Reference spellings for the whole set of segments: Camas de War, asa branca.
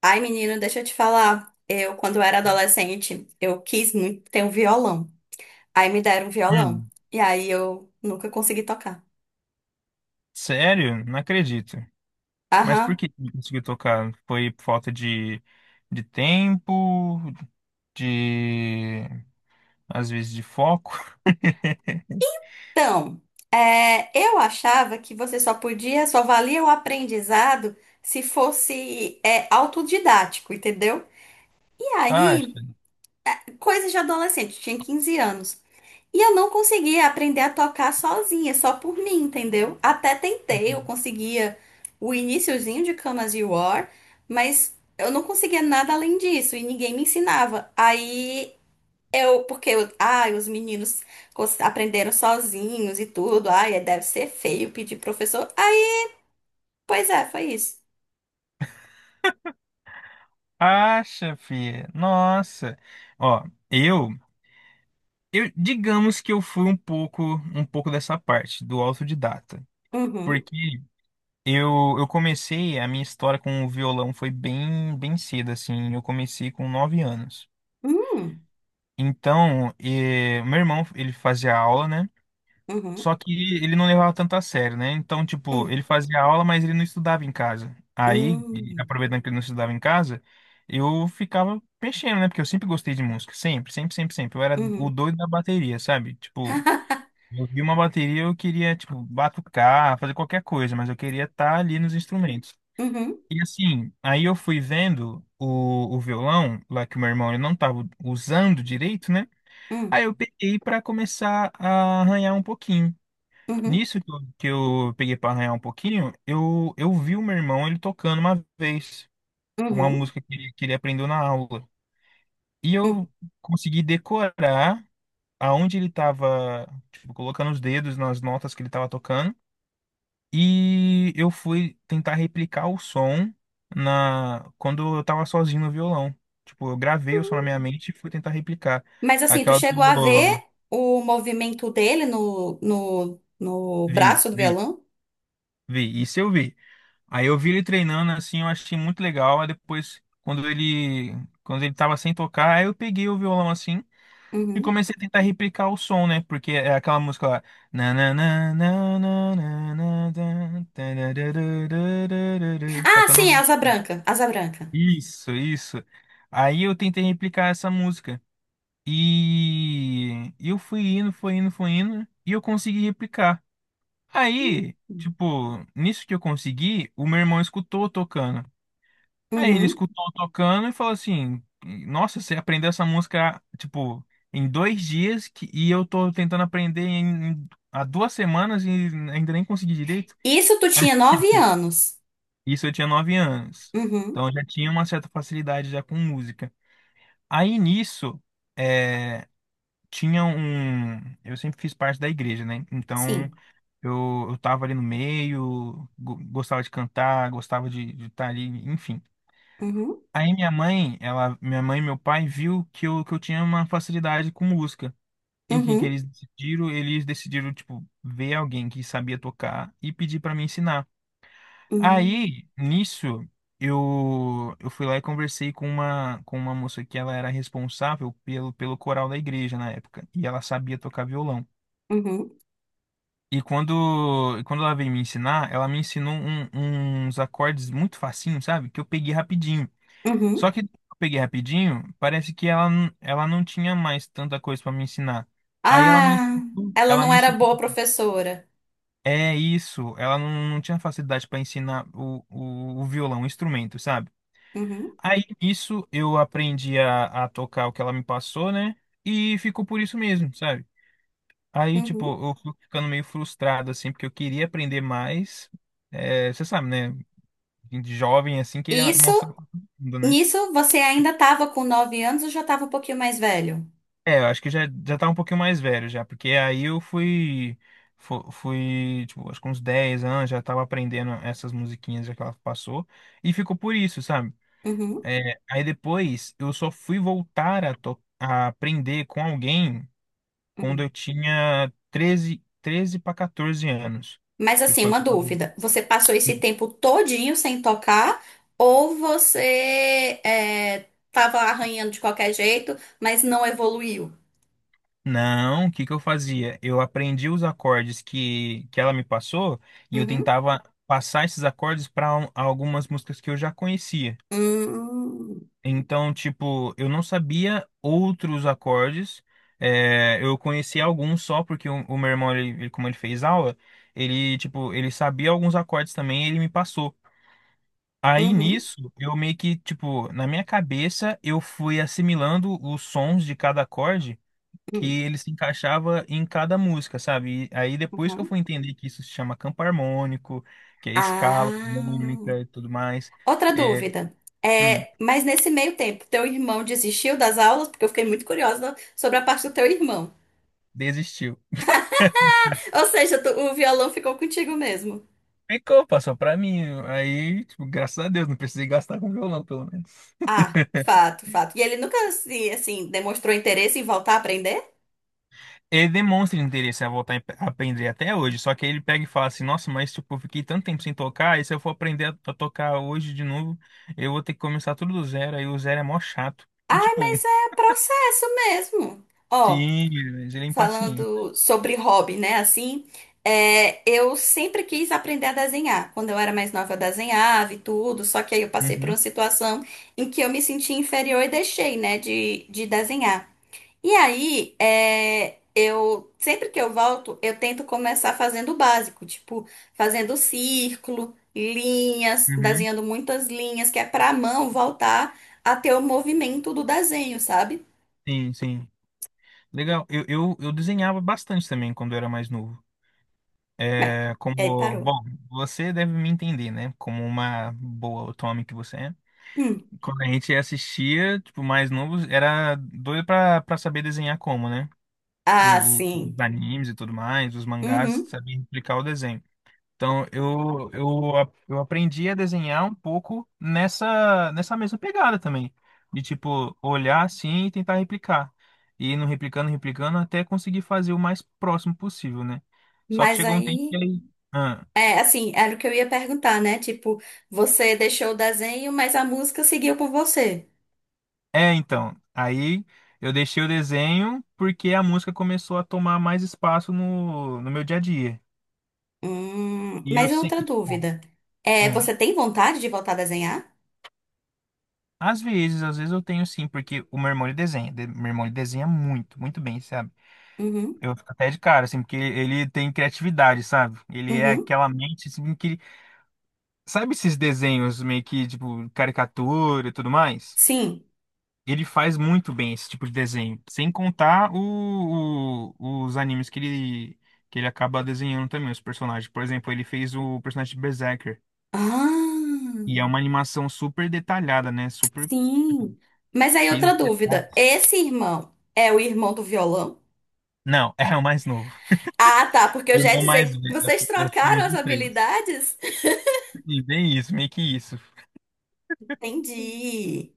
Ai, menino, deixa eu te falar. Eu, quando eu era adolescente, eu quis muito ter um violão. Aí me deram um violão. Hum, E aí eu nunca consegui tocar. Sério? Não acredito. Mas por Aham. que não conseguiu tocar? Foi por falta de tempo, de... às vezes de foco? Então, eu achava que você só podia, só valia o aprendizado se fosse, autodidático, entendeu? E aí, Acha? coisa de adolescente, tinha 15 anos. E eu não conseguia aprender a tocar sozinha, só por mim, entendeu? Até tentei, eu conseguia o iniciozinho de Camas de War, mas eu não conseguia nada além disso e ninguém me ensinava. Aí eu, porque eu, ai, os meninos aprenderam sozinhos e tudo, ai, deve ser feio pedir professor. Aí, pois é, foi isso. Acha, filha. Nossa. Ó, eu, eu digamos que eu fui um pouco dessa parte do autodidata, Uhum, porque eu comecei a minha história com o violão foi bem, bem cedo assim. Eu comecei com 9 anos. uhum, Então, meu irmão, ele fazia aula, né? uhum, Só que ele não levava tanto a sério, né? Então, tipo, uhum, ele fazia aula, mas ele não estudava em casa. Aí, e aproveitando que ele não estudava em casa, eu ficava mexendo, né? Porque eu sempre gostei de música, sempre, sempre, sempre, sempre. Eu era o uhum, doido da bateria, sabe? Tipo, eu vi uma bateria, eu queria, tipo, batucar, fazer qualquer coisa, mas eu queria estar ali nos instrumentos. uhum, uhum, E assim, aí eu fui vendo o violão, lá que o meu irmão ele não estava usando direito, né? Aí eu peguei para começar a arranhar um pouquinho. uhum, uhum, Nisso que eu peguei para arranhar um pouquinho, eu vi o meu irmão ele tocando uma vez, uma uhum, música que ele aprendeu na aula. E uhum. eu consegui decorar aonde ele estava, tipo, colocando os dedos nas notas que ele estava tocando. E eu fui tentar replicar o som na quando eu estava sozinho no violão. Tipo, eu gravei o som na minha mente e fui tentar replicar. Mas assim, tu Aquela chegou a do ver o movimento dele no Vi, braço do vi. violão? Vi, isso eu vi. Aí eu vi ele treinando assim, eu achei muito legal. Aí depois, quando ele tava sem tocar, aí eu peguei o violão assim e Uhum. comecei a tentar replicar o som, né? Porque é aquela música lá. Na, na, na, na, na, na, na, na, tarararararara. Só Ah, que eu sim, é não. asa branca, asa branca. Isso, isso. Aí eu tentei replicar essa música. E eu fui indo, fui indo, fui indo, e eu consegui replicar. Aí, tipo, nisso que eu consegui, o meu irmão escutou eu tocando. Aí ele Uhum. escutou eu tocando e falou assim: Nossa, você aprendeu essa música, tipo, em 2 dias que, e eu tô tentando aprender há 2 semanas e ainda nem consegui direito. Isso tu Aí, tinha 9 anos. isso eu tinha 9 anos. Uhum. Então eu já tinha uma certa facilidade já com música. Aí nisso, é, tinha um. Eu sempre fiz parte da igreja, né? Então. Sim. Eu tava ali no meio, gostava de cantar, gostava de estar ali, enfim. Uhum. Aí minha mãe e meu pai viu que eu, tinha uma facilidade com música. E que Uhum. eles decidiram, tipo, ver alguém que sabia tocar e pedir para me ensinar. Uhum. Aí, nisso, eu fui lá e conversei com uma moça que ela era responsável pelo coral da igreja na época. E ela sabia tocar violão. Uhum. E quando ela veio me ensinar, ela me ensinou uns acordes muito facinho, sabe? Que eu peguei rapidinho. Só Uhum. que eu peguei rapidinho, parece que ela não tinha mais tanta coisa pra me ensinar. Aí ela me, Ah, ensinou- ela ela não me era ensinou. boa professora. É isso, ela não tinha facilidade pra ensinar o violão, o instrumento, sabe? Uhum. Aí isso eu aprendi a tocar o que ela me passou, né? E ficou por isso mesmo, sabe? Aí, tipo, Uhum. eu fui ficando meio frustrado, assim, porque eu queria aprender mais. É, você sabe, né? De jovem, assim, queria Isso, mostrar pra todo mundo, né? nisso você ainda estava com 9 anos ou já estava um pouquinho mais velho? É, eu acho que já tá um pouquinho mais velho já, porque aí eu fui, tipo, acho que uns 10 anos, já tava aprendendo essas musiquinhas já que ela passou, e ficou por isso, sabe? Uhum. É, aí depois eu só fui voltar a aprender com alguém quando eu Uhum. tinha treze para 14 anos, Mas que assim, foi uma quando. dúvida. Você passou esse tempo todinho sem tocar ou tava arranhando de qualquer jeito, mas não evoluiu? Não, o que que eu fazia? Eu aprendi os acordes que ela me passou e eu Uhum. tentava passar esses acordes para algumas músicas que eu já conhecia. Hum, Então, tipo, eu não sabia outros acordes, eu conhecia alguns só porque o meu irmão, como ele fez aula, ele, tipo, ele sabia alguns acordes também e ele me passou. Aí uhum, nisso, eu meio que, tipo, na minha cabeça, eu fui assimilando os sons de cada acorde que hum, ele se encaixava em cada música, sabe? E aí depois que eu uhum. fui entender que isso se chama campo harmônico, que é escala Ah, harmônica e tudo mais, outra é, dúvida. hum, É, mas nesse meio tempo, teu irmão desistiu das aulas? Porque eu fiquei muito curiosa sobre a parte do teu irmão. desistiu. Ou seja, o violão ficou contigo mesmo. Ficou, passou pra mim. Aí, tipo, graças a Deus, não precisei gastar com violão, pelo menos. Ah, fato, fato. E ele nunca, se, assim, demonstrou interesse em voltar a aprender? Ele demonstra interesse a voltar a aprender até hoje, só que aí ele pega e fala assim: Nossa, mas tipo, eu fiquei tanto tempo sem tocar, e se eu for aprender a tocar hoje de novo, eu vou ter que começar tudo do zero, aí o zero é mó chato. E Ai, tipo, mas é processo mesmo. Ó, sim, mas ele é impaciente. falando sobre hobby, né? Assim, eu sempre quis aprender a desenhar. Quando eu era mais nova, eu desenhava e tudo, só que aí eu passei por Uhum, uma situação em que eu me senti inferior e deixei, né, de desenhar. E aí, eu sempre que eu volto, eu tento começar fazendo o básico, tipo, fazendo círculo, linhas, uhum. desenhando muitas linhas, que é pra mão voltar a ter o movimento do desenho, sabe? Sim, sim. Legal. Eu desenhava bastante também quando eu era mais novo. Mas, É, aí como, parou. bom, você deve me entender, né? Como uma boa otome que você é. Hum. Quando a gente assistia, tipo, mais novos, era doido pra saber desenhar como, né? Ah, sim. Os animes e tudo mais, os mangás, Uhum. sabia explicar o desenho. Então, eu aprendi a desenhar um pouco nessa mesma pegada também. De, tipo, olhar assim e tentar replicar. E indo replicando, replicando, até conseguir fazer o mais próximo possível, né? Só que Mas chegou um tempo que aí, aí. Ah, é assim, era o que eu ia perguntar, né? Tipo, você deixou o desenho, mas a música seguiu com você. Então. Aí eu deixei o desenho porque a música começou a tomar mais espaço no meu dia a dia. E eu Mas outra sempre, tipo, dúvida. Hum, Você tem vontade de voltar a desenhar? Às vezes eu tenho sim, porque o meu irmão ele desenha. Meu irmão ele desenha muito, muito bem, sabe? Uhum. Eu fico até de cara, assim, porque ele tem criatividade, sabe? Ele é Uhum. aquela mente, assim, que. Sabe esses desenhos meio que, tipo, caricatura e tudo mais? Sim. Ele faz muito bem esse tipo de desenho. Sem contar os animes que ele, acaba desenhando também, os personagens. Por exemplo, ele fez o personagem de Berserker. Ah, E é uma animação super detalhada, né? Super, tipo, sim. Mas aí cheio outra de detalhes. dúvida. Esse irmão é o irmão do violão? Não, é o mais novo. Ah, tá, porque eu O já ia irmão mais dizer que vocês velho. trocaram Somos as em três. habilidades? E bem isso, meio que isso. Entendi.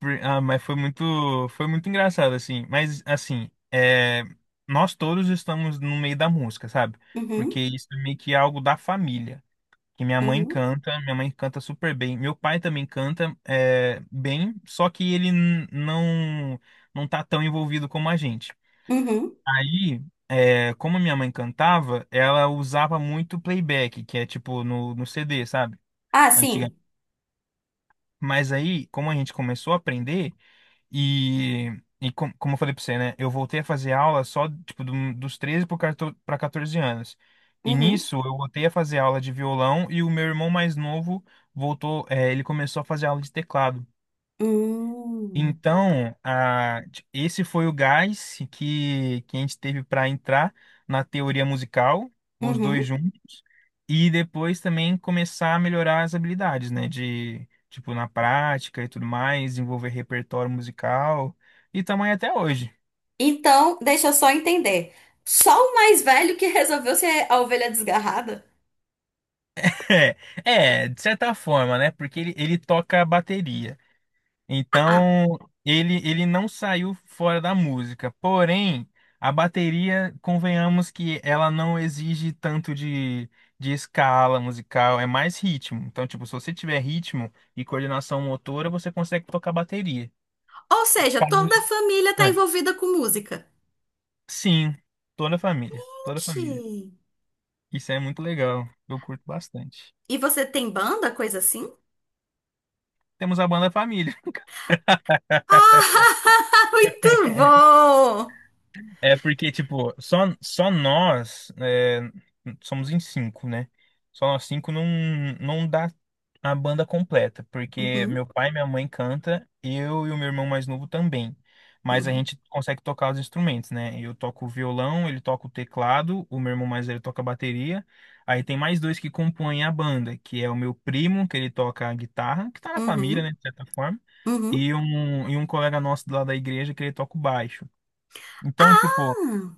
Ah, mas foi muito engraçado, assim. Mas, assim, nós todos estamos no meio da música, sabe? Porque Uhum, isso é meio que algo da família. Que uhum, minha mãe canta super bem. Meu pai também canta bem, só que ele não tá tão envolvido como a gente. uhum. Aí, como minha mãe cantava, ela usava muito playback, que é tipo no CD, sabe? Ah, Antiga. sim. Mas aí, como a gente começou a aprender. E, como eu falei pra você, né? Eu voltei a fazer aula só, tipo, dos 13 pro 14 pra 14 anos. E Uhum, nisso, eu voltei a fazer aula de violão e o meu irmão mais novo ele começou a fazer aula de teclado. hum, Então, esse foi o gás que a gente teve para entrar na teoria musical, os dois uhum. juntos, e depois também começar a melhorar as habilidades, né? De, tipo, na prática e tudo mais, desenvolver repertório musical e tamanho até hoje. Então, deixa eu só entender. Só o mais velho que resolveu ser a ovelha desgarrada? É, é, de certa forma, né? Porque ele toca a bateria. Ah, Então, ele não saiu fora da música. Porém, a bateria, convenhamos que ela não exige tanto de escala musical, é mais ritmo. Então, tipo, se você tiver ritmo e coordenação motora, você consegue tocar bateria. ou seja, toda a Família. família tá É. envolvida com música. Sim, toda a família, toda a família. Gente. Isso é muito legal, eu curto bastante. E você tem banda, coisa assim? Temos a banda Família. Ah, muito bom! É porque, tipo, só nós somos em cinco, né? Só nós cinco não dá a banda completa, porque Uhum, meu pai e minha mãe canta, eu e o meu irmão mais novo também. Mas a uhum, gente consegue tocar os instrumentos, né? Eu toco o violão, ele toca o teclado, o meu irmão mais velho toca a bateria. Aí tem mais dois que compõem a banda, que é o meu primo, que ele toca a guitarra, que tá na família, né, uhum, de certa forma, uhum. e um colega nosso lá da igreja que ele toca o baixo. Então, tipo, Ah!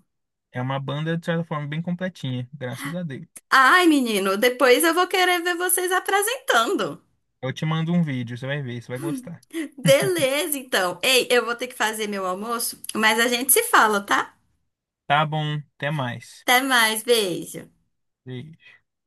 é uma banda, de certa forma, bem completinha, graças a Deus. Ai, menino, depois eu vou querer ver vocês apresentando. Eu te mando um vídeo, você vai ver, você vai gostar. Beleza, então. Ei, eu vou ter que fazer meu almoço, mas a gente se fala, tá? Tá bom, até mais. Até mais, beijo. Beijo.